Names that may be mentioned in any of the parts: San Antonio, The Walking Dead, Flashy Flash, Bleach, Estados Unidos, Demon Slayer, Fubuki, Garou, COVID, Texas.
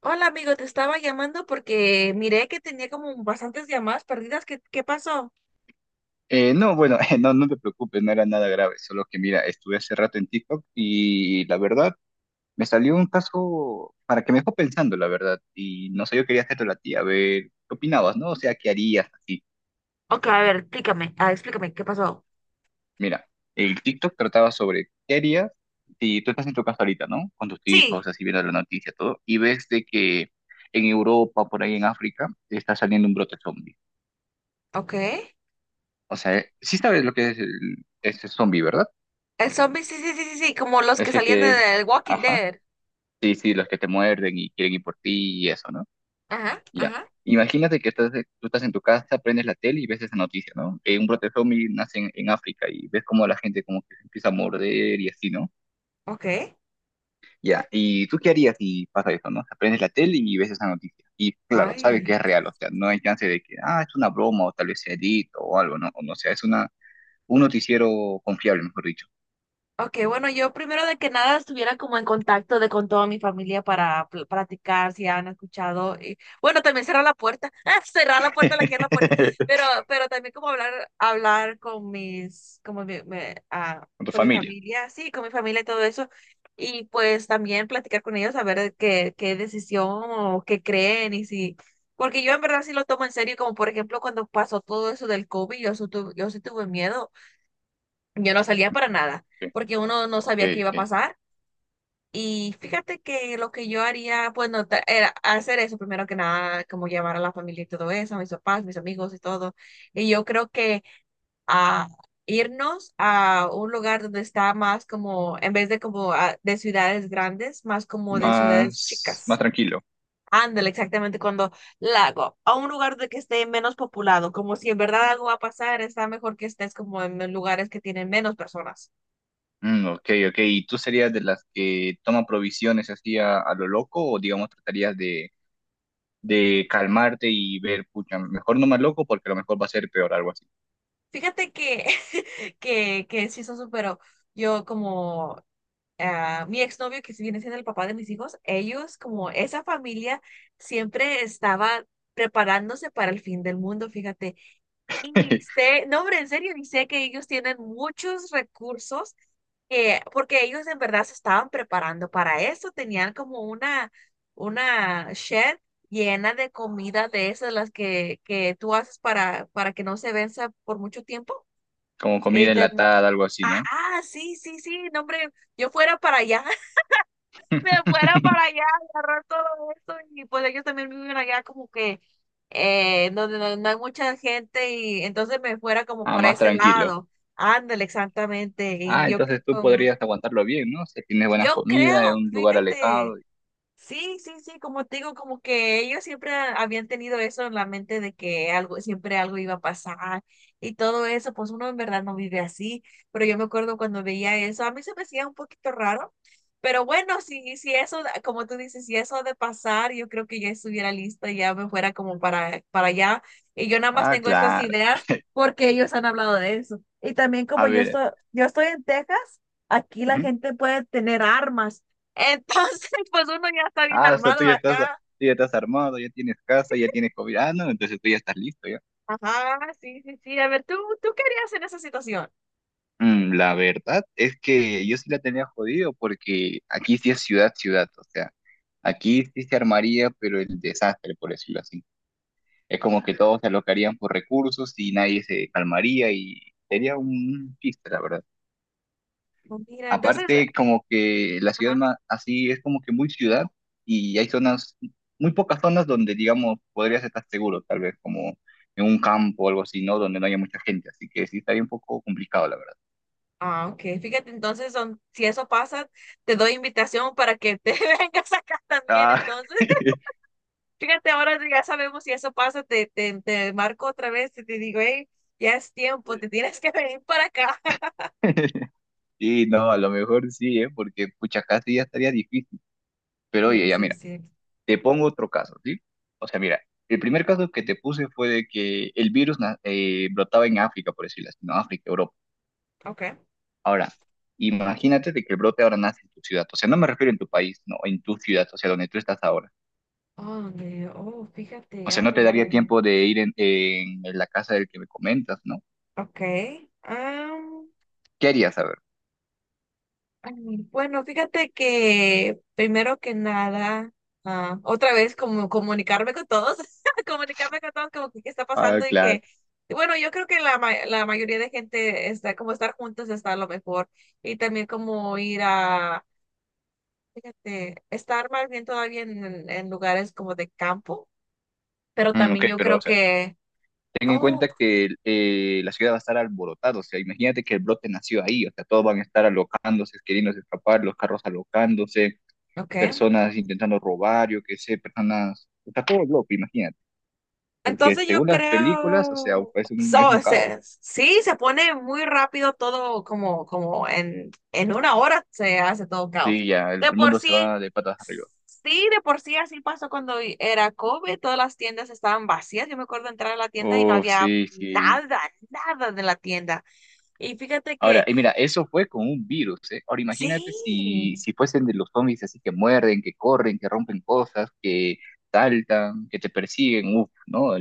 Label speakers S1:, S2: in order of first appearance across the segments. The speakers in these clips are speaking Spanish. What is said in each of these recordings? S1: Hola amigo, te estaba llamando porque miré que tenía como bastantes llamadas perdidas. ¿Qué pasó?
S2: No, bueno, no te preocupes, no era nada grave, solo que mira, estuve hace rato en TikTok y la verdad me salió un caso para que me dejó pensando, la verdad, y no sé, yo quería hacerte la tía, a ver, ¿qué opinabas, no? O sea, ¿qué harías así?
S1: Ok, a ver, explícame, explícame, ¿qué pasó?
S2: Mira, el TikTok trataba sobre qué harías si tú estás en tu casa ahorita, ¿no? Con tus hijos,
S1: Sí,
S2: así viendo la noticia, todo, y ves de que en Europa, por ahí en África, está saliendo un brote zombie.
S1: ok.
S2: O sea, sí sabes lo que es el, ese zombie, ¿verdad?
S1: El zombie, sí, sí, sí, sí, sí, como los que
S2: Ese
S1: salían de
S2: que,
S1: The Walking
S2: ajá.
S1: Dead.
S2: Sí, sí, los que te muerden y quieren ir por ti y eso, ¿no?
S1: Ajá,
S2: Ya.
S1: ajá,
S2: Imagínate que estás, Tú estás en tu casa, prendes la tele y ves esa noticia, ¿no? Que un brote zombie nace en África y ves como la gente como que se empieza a morder y así, ¿no?
S1: ok.
S2: Ya. ¿Y tú qué harías si pasa eso, no? O sea, prendes la tele y ves esa noticia. Y claro, sabes que es
S1: Ay.
S2: real, o sea, no hay chance de que, ah, es una broma o tal vez sea edito o algo, ¿no? O no, o sea, un noticiero confiable, mejor dicho.
S1: Ok, bueno, yo primero de que nada estuviera como en contacto de con toda mi familia para platicar si han escuchado y bueno, también cerrar la puerta, cerrar la puerta, la que es la puerta, pero también como hablar con mis como
S2: Con tu
S1: con mi
S2: familia.
S1: familia, sí, con mi familia y todo eso y pues también platicar con ellos a ver qué decisión o qué creen. Y si porque yo en verdad sí lo tomo en serio, como por ejemplo cuando pasó todo eso del COVID, yo sí yo sí tuve miedo. Yo no salía para nada,
S2: Ok,
S1: porque uno no
S2: ok.
S1: sabía qué iba a
S2: Ok.
S1: pasar. Y fíjate que lo que yo haría, pues, no, era hacer eso primero que nada, como llevar a la familia y todo eso, a mis papás, mis amigos y todo. Y yo creo que a irnos a un lugar donde está más como, en vez de de ciudades grandes, más como de ciudades
S2: Más, más
S1: chicas.
S2: tranquilo.
S1: Ándale, exactamente, cuando lago, a un lugar de que esté menos populado, como si en verdad algo va a pasar, está mejor que estés como en lugares que tienen menos personas.
S2: Ok, ok. ¿Y tú serías de las que toma provisiones así a lo loco o digamos tratarías de calmarte y ver, pucha, mejor no más loco porque a lo mejor va a ser peor, algo así?
S1: Fíjate que, que sí, eso superó. Yo como mi exnovio, que sí viene siendo el papá de mis hijos, ellos como esa familia siempre estaba preparándose para el fin del mundo, fíjate. Y sé, no, hombre, en serio, y sé que ellos tienen muchos recursos, porque ellos en verdad se estaban preparando para eso, tenían como una shed llena de comida de esas, que tú haces para que no se venza por mucho tiempo.
S2: Como comida
S1: eh, tem-
S2: enlatada, algo así, ¿no?
S1: Ajá, sí, sí, sí, no, hombre, yo fuera para allá, me fuera para allá, agarrar todo esto y pues ellos también viven allá como que donde no hay mucha gente, y entonces me fuera como
S2: Ah,
S1: para
S2: más
S1: ese
S2: tranquilo.
S1: lado, ándale, exactamente,
S2: Ah,
S1: y
S2: entonces tú podrías aguantarlo bien, ¿no? Si tienes buena
S1: yo
S2: comida en
S1: creo,
S2: un lugar alejado.
S1: fíjate. Sí, sí, sí, como te digo, como que ellos siempre habían tenido eso en la mente de que algo, siempre algo iba a pasar y todo eso, pues uno en verdad no vive así, pero yo me acuerdo cuando veía eso, a mí se me hacía un poquito raro, pero bueno, si eso, como tú dices, si eso ha de pasar, yo creo que ya estuviera lista, ya me fuera como para allá, y yo nada más
S2: Ah,
S1: tengo estas
S2: claro.
S1: ideas porque ellos han hablado de eso. Y también
S2: A
S1: como
S2: ver.
S1: yo estoy en Texas, aquí la
S2: Ujú.
S1: gente puede tener armas. Entonces, pues uno ya está bien
S2: Ah, o sea, tú
S1: armado
S2: ya estás, tú
S1: acá.
S2: ya estás armado, ya tienes casa, ya tienes comida. Ah, no, entonces tú ya estás listo.
S1: Ajá, sí, sí, sí. A ver, ¿tú, tú qué harías en esa situación?
S2: La verdad es que yo sí la tenía jodido porque aquí sí es ciudad, ciudad, o sea, aquí sí se armaría, pero el desastre, por decirlo así. Es como que todos se alocarían por recursos y nadie se calmaría y sería un chiste, la verdad.
S1: Oh, mira, entonces,
S2: Aparte, como que
S1: ajá.
S2: así es como que muy ciudad y hay zonas, muy pocas zonas donde, digamos, podrías estar seguro, tal vez como en un campo o algo así, ¿no? Donde no haya mucha gente, así que sí estaría un poco complicado, la verdad.
S1: Ah, ok. Fíjate, entonces, son, si eso pasa, te doy invitación para que te vengas acá también.
S2: Ah.
S1: Entonces, fíjate, ahora ya sabemos si eso pasa, te marco otra vez y te digo, hey, ya es tiempo, te tienes que venir para acá.
S2: Sí, no, a lo mejor sí, ¿eh? Porque pucha, casi ya estaría difícil. Pero oye,
S1: Sí,
S2: ya
S1: sí,
S2: mira,
S1: sí.
S2: te pongo otro caso, ¿sí? O sea, mira, el primer caso que te puse fue de que el brotaba en África, por decirlo así, ¿no? África, Europa.
S1: Ok.
S2: Ahora, imagínate de que el brote ahora nace en tu ciudad. O sea, no me refiero en tu país, no, en tu ciudad, o sea, donde tú estás ahora.
S1: Oh, Dios. Oh,
S2: O
S1: fíjate.
S2: sea,
S1: Ay,
S2: no te
S1: ay, ay,
S2: daría
S1: ay.
S2: tiempo de ir en la casa del que me comentas, ¿no?
S1: Ay. Ok.
S2: ¿Qué harías? A ver.
S1: Bueno, fíjate que primero que nada, otra vez como comunicarme con todos, comunicarme con todos como que qué está
S2: Ah,
S1: pasando y
S2: claro.
S1: que, y bueno, yo creo que la mayoría de gente está como estar juntos está a lo mejor y también como ir a, fíjate, estar más bien todavía en, en lugares como de campo, pero
S2: Ok,
S1: también yo
S2: pero, o
S1: creo
S2: sea,
S1: que,
S2: ten en
S1: oh,
S2: cuenta que la ciudad va a estar alborotada, o sea, imagínate que el brote nació ahí, o sea, todos van a estar alocándose, queriendo escapar, los carros alocándose,
S1: ok.
S2: personas intentando robar, yo qué sé, personas, o sea, todo el bloque, imagínate, porque
S1: Entonces yo
S2: según las películas, o sea,
S1: creo,
S2: es
S1: so,
S2: un
S1: o sea,
S2: caos,
S1: sí, se pone muy rápido todo como, como en una hora se hace todo caos.
S2: sí, ya, el
S1: De por
S2: mundo se
S1: sí,
S2: va de patas arriba.
S1: sí, de por sí así pasó cuando era COVID, todas las tiendas estaban vacías. Yo me acuerdo entrar a la tienda y no
S2: Uf,
S1: había
S2: sí, sí.
S1: nada, nada de la tienda. Y fíjate
S2: Ahora,
S1: que
S2: y mira, eso fue con un virus, ¿eh? Ahora imagínate
S1: sí,
S2: si fuesen de los zombies así que muerden, que corren, que rompen cosas, que saltan, que te persiguen, uff, ¿no?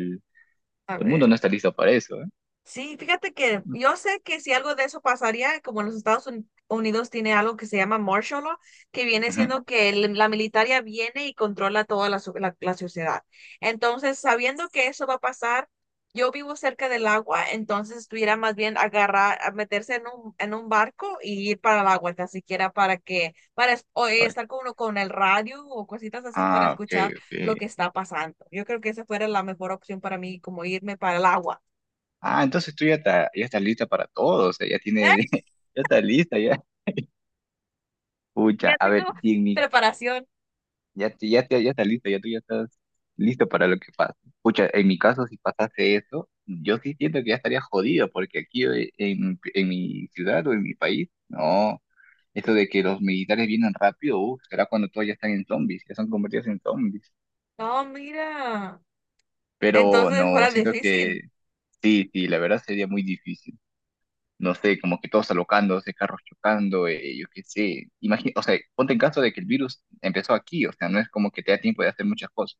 S1: a
S2: El mundo no
S1: ver.
S2: está listo para eso, ¿eh?
S1: Sí, fíjate que yo sé que si algo de eso pasaría, como en los Unidos tiene algo que se llama martial law, que viene
S2: Ujú.
S1: siendo que la militaria viene y controla toda la sociedad. Entonces, sabiendo que eso va a pasar, yo vivo cerca del agua, entonces estuviera más bien agarrar, a meterse en un barco y ir para el agua, tan siquiera para que, para es- o
S2: Ay,
S1: estar con uno con el radio o cositas así para
S2: ah, ok,
S1: escuchar
S2: ok.
S1: lo que está pasando. Yo creo que esa fuera la mejor opción para mí, como irme para el agua.
S2: Ah, entonces ya estás lista para todo, o sea, ya tienes, ya estás lista, ya. Pucha,
S1: Ya
S2: a ver,
S1: tengo
S2: y en mi,
S1: preparación.
S2: ya estás lista, ya tú estás listo para lo que pasa. Pucha, en mi caso, si pasase eso, yo sí siento que ya estaría jodido, porque aquí en mi ciudad o en mi país, no, eso de que los militares vienen rápido, uf, será cuando todos ya están en zombies, ya son convertidos en zombies.
S1: No, mira.
S2: Pero
S1: Entonces
S2: no,
S1: fuera
S2: siento que
S1: difícil.
S2: sí, sí, la verdad sería muy difícil. No sé, como que todos alocándose, carros chocando, yo qué sé. Imagina, o sea, ponte en caso de que el virus empezó aquí, o sea, no es como que te da tiempo de hacer muchas cosas.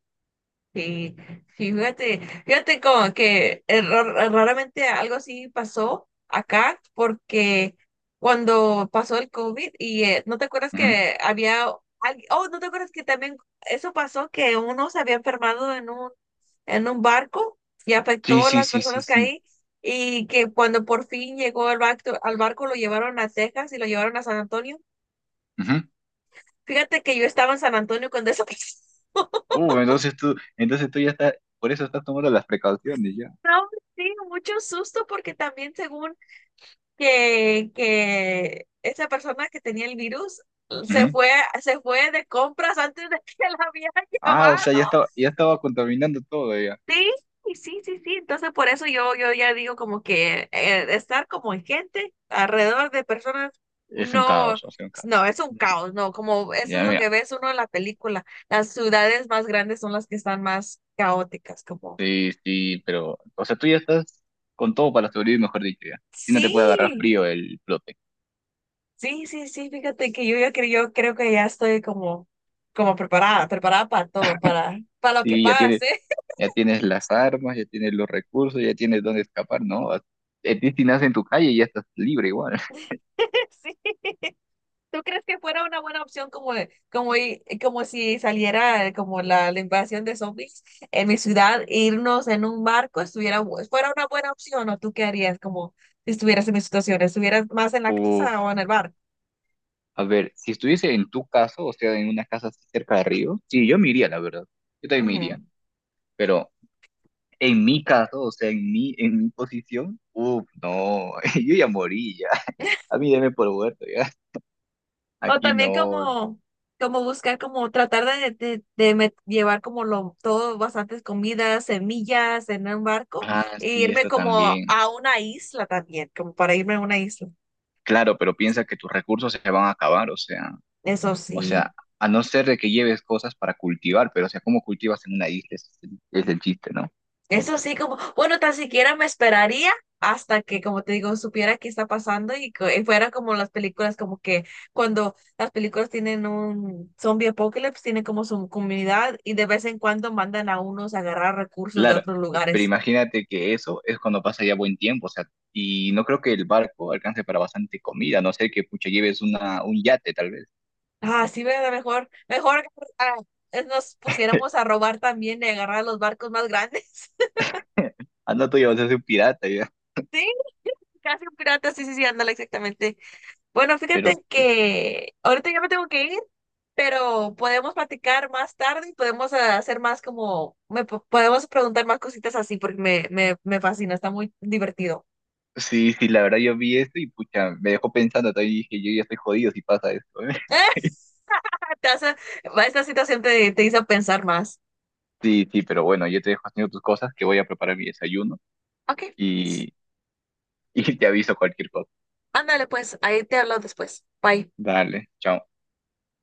S1: Sí, sí, fíjate, fíjate como que raramente algo así pasó acá porque cuando pasó el COVID y no te acuerdas
S2: Ujú.
S1: que había alguien, oh, no te acuerdas que también eso pasó que uno se había enfermado en un barco y
S2: Sí,
S1: afectó a
S2: sí,
S1: las
S2: sí, sí,
S1: personas que
S2: sí.
S1: ahí y que cuando por fin llegó el barco, al barco lo llevaron a Texas y lo llevaron a San Antonio.
S2: Ujú.
S1: Fíjate que yo estaba en San Antonio cuando eso pasó.
S2: Entonces tú ya estás, por eso estás tomando las precauciones ya.
S1: No, sí, mucho susto porque también según que esa persona que tenía el virus se
S2: Ujú.
S1: fue, se fue de compras antes de que la habían
S2: Ah, o
S1: llamado.
S2: sea, ya estaba contaminando todo ya.
S1: Sí, y sí, sí, sí. Entonces por eso yo, yo ya digo como que estar como en gente alrededor de personas,
S2: Es un
S1: no,
S2: caos, o sea, un caos.
S1: no, es un
S2: Ya,
S1: caos, no, como eso
S2: ya,
S1: es lo que
S2: mira.
S1: ves uno en la película. Las ciudades más grandes son las que están más caóticas, como
S2: Sí, sí, pero, o sea, tú ya estás con todo para sobrevivir, mejor dicho, ya. Si no te puede agarrar
S1: sí,
S2: frío el flote.
S1: sí, sí, sí, fíjate que yo, yo creo que ya estoy como, como preparada, preparada para todo, para lo que
S2: Sí, ya tienes,
S1: pase.
S2: ya tienes las armas, ya tienes los recursos, ya tienes dónde escapar, ¿no? A- a ti si nace en tu calle ya estás libre igual.
S1: Sí. ¿Tú crees que fuera una buena opción como, como, como si saliera como la invasión de zombies en mi ciudad, irnos en un barco, estuviera, fuera una buena opción o tú qué harías como si estuvieras en mi situación, estuvieras más en la
S2: Uf,
S1: casa o en el barco?
S2: a ver, si estuviese en tu caso, o sea, en una casa así cerca de río, sí, yo me iría, la verdad. Yo también me iría,
S1: Ujú.
S2: pero en mi caso, o sea, en mi posición, uf, no, yo ya morí, ya. A mí deme por muerto, ya.
S1: O
S2: Aquí
S1: también
S2: no.
S1: como, como buscar, como tratar de, llevar como lo, todo, bastantes comidas, semillas en un barco,
S2: Ah,
S1: e
S2: sí,
S1: irme
S2: esta
S1: como
S2: también.
S1: a una isla también, como para irme a una isla.
S2: Claro, pero piensa que tus recursos se van a acabar, o sea.
S1: Eso
S2: O
S1: sí,
S2: sea, a no ser de que lleves cosas para cultivar, pero o sea, ¿cómo cultivas en una isla? Es el chiste, ¿no?
S1: eso sí, como, bueno, tan siquiera me esperaría hasta que, como te digo, supiera qué está pasando y fuera como las películas, como que cuando las películas tienen un zombie apocalypse, tienen como su comunidad y de vez en cuando mandan a unos a agarrar recursos de
S2: Claro,
S1: otros
S2: pero
S1: lugares.
S2: imagínate que eso es cuando pasa ya buen tiempo, o sea, y no creo que el barco alcance para bastante comida, a no ser que pucha lleves un yate tal vez.
S1: Ah, sí, ¿verdad? Mejor, mejor ah, nos pusiéramos a robar también y agarrar los barcos más grandes.
S2: Anda tú ya vas a ser un pirata ya.
S1: Sí, casi un pirata, sí, sí, sí, ándale, exactamente. Bueno,
S2: Pero
S1: fíjate
S2: pues,
S1: que ahorita ya me tengo que ir, pero podemos platicar más tarde y podemos hacer más como, podemos preguntar más cositas así porque me fascina, está muy divertido.
S2: sí, sí, la verdad yo vi esto y pucha, me dejó pensando, todavía dije, yo ya estoy jodido si pasa esto, ¿eh?
S1: Te hace- Esta situación te, te hizo pensar más.
S2: Sí, sí, pero bueno, yo te dejo haciendo tus cosas, que voy a preparar mi desayuno
S1: Ok,
S2: y, y te aviso cualquier cosa.
S1: ándale pues, ahí te hablo después. Bye.
S2: Dale, chao.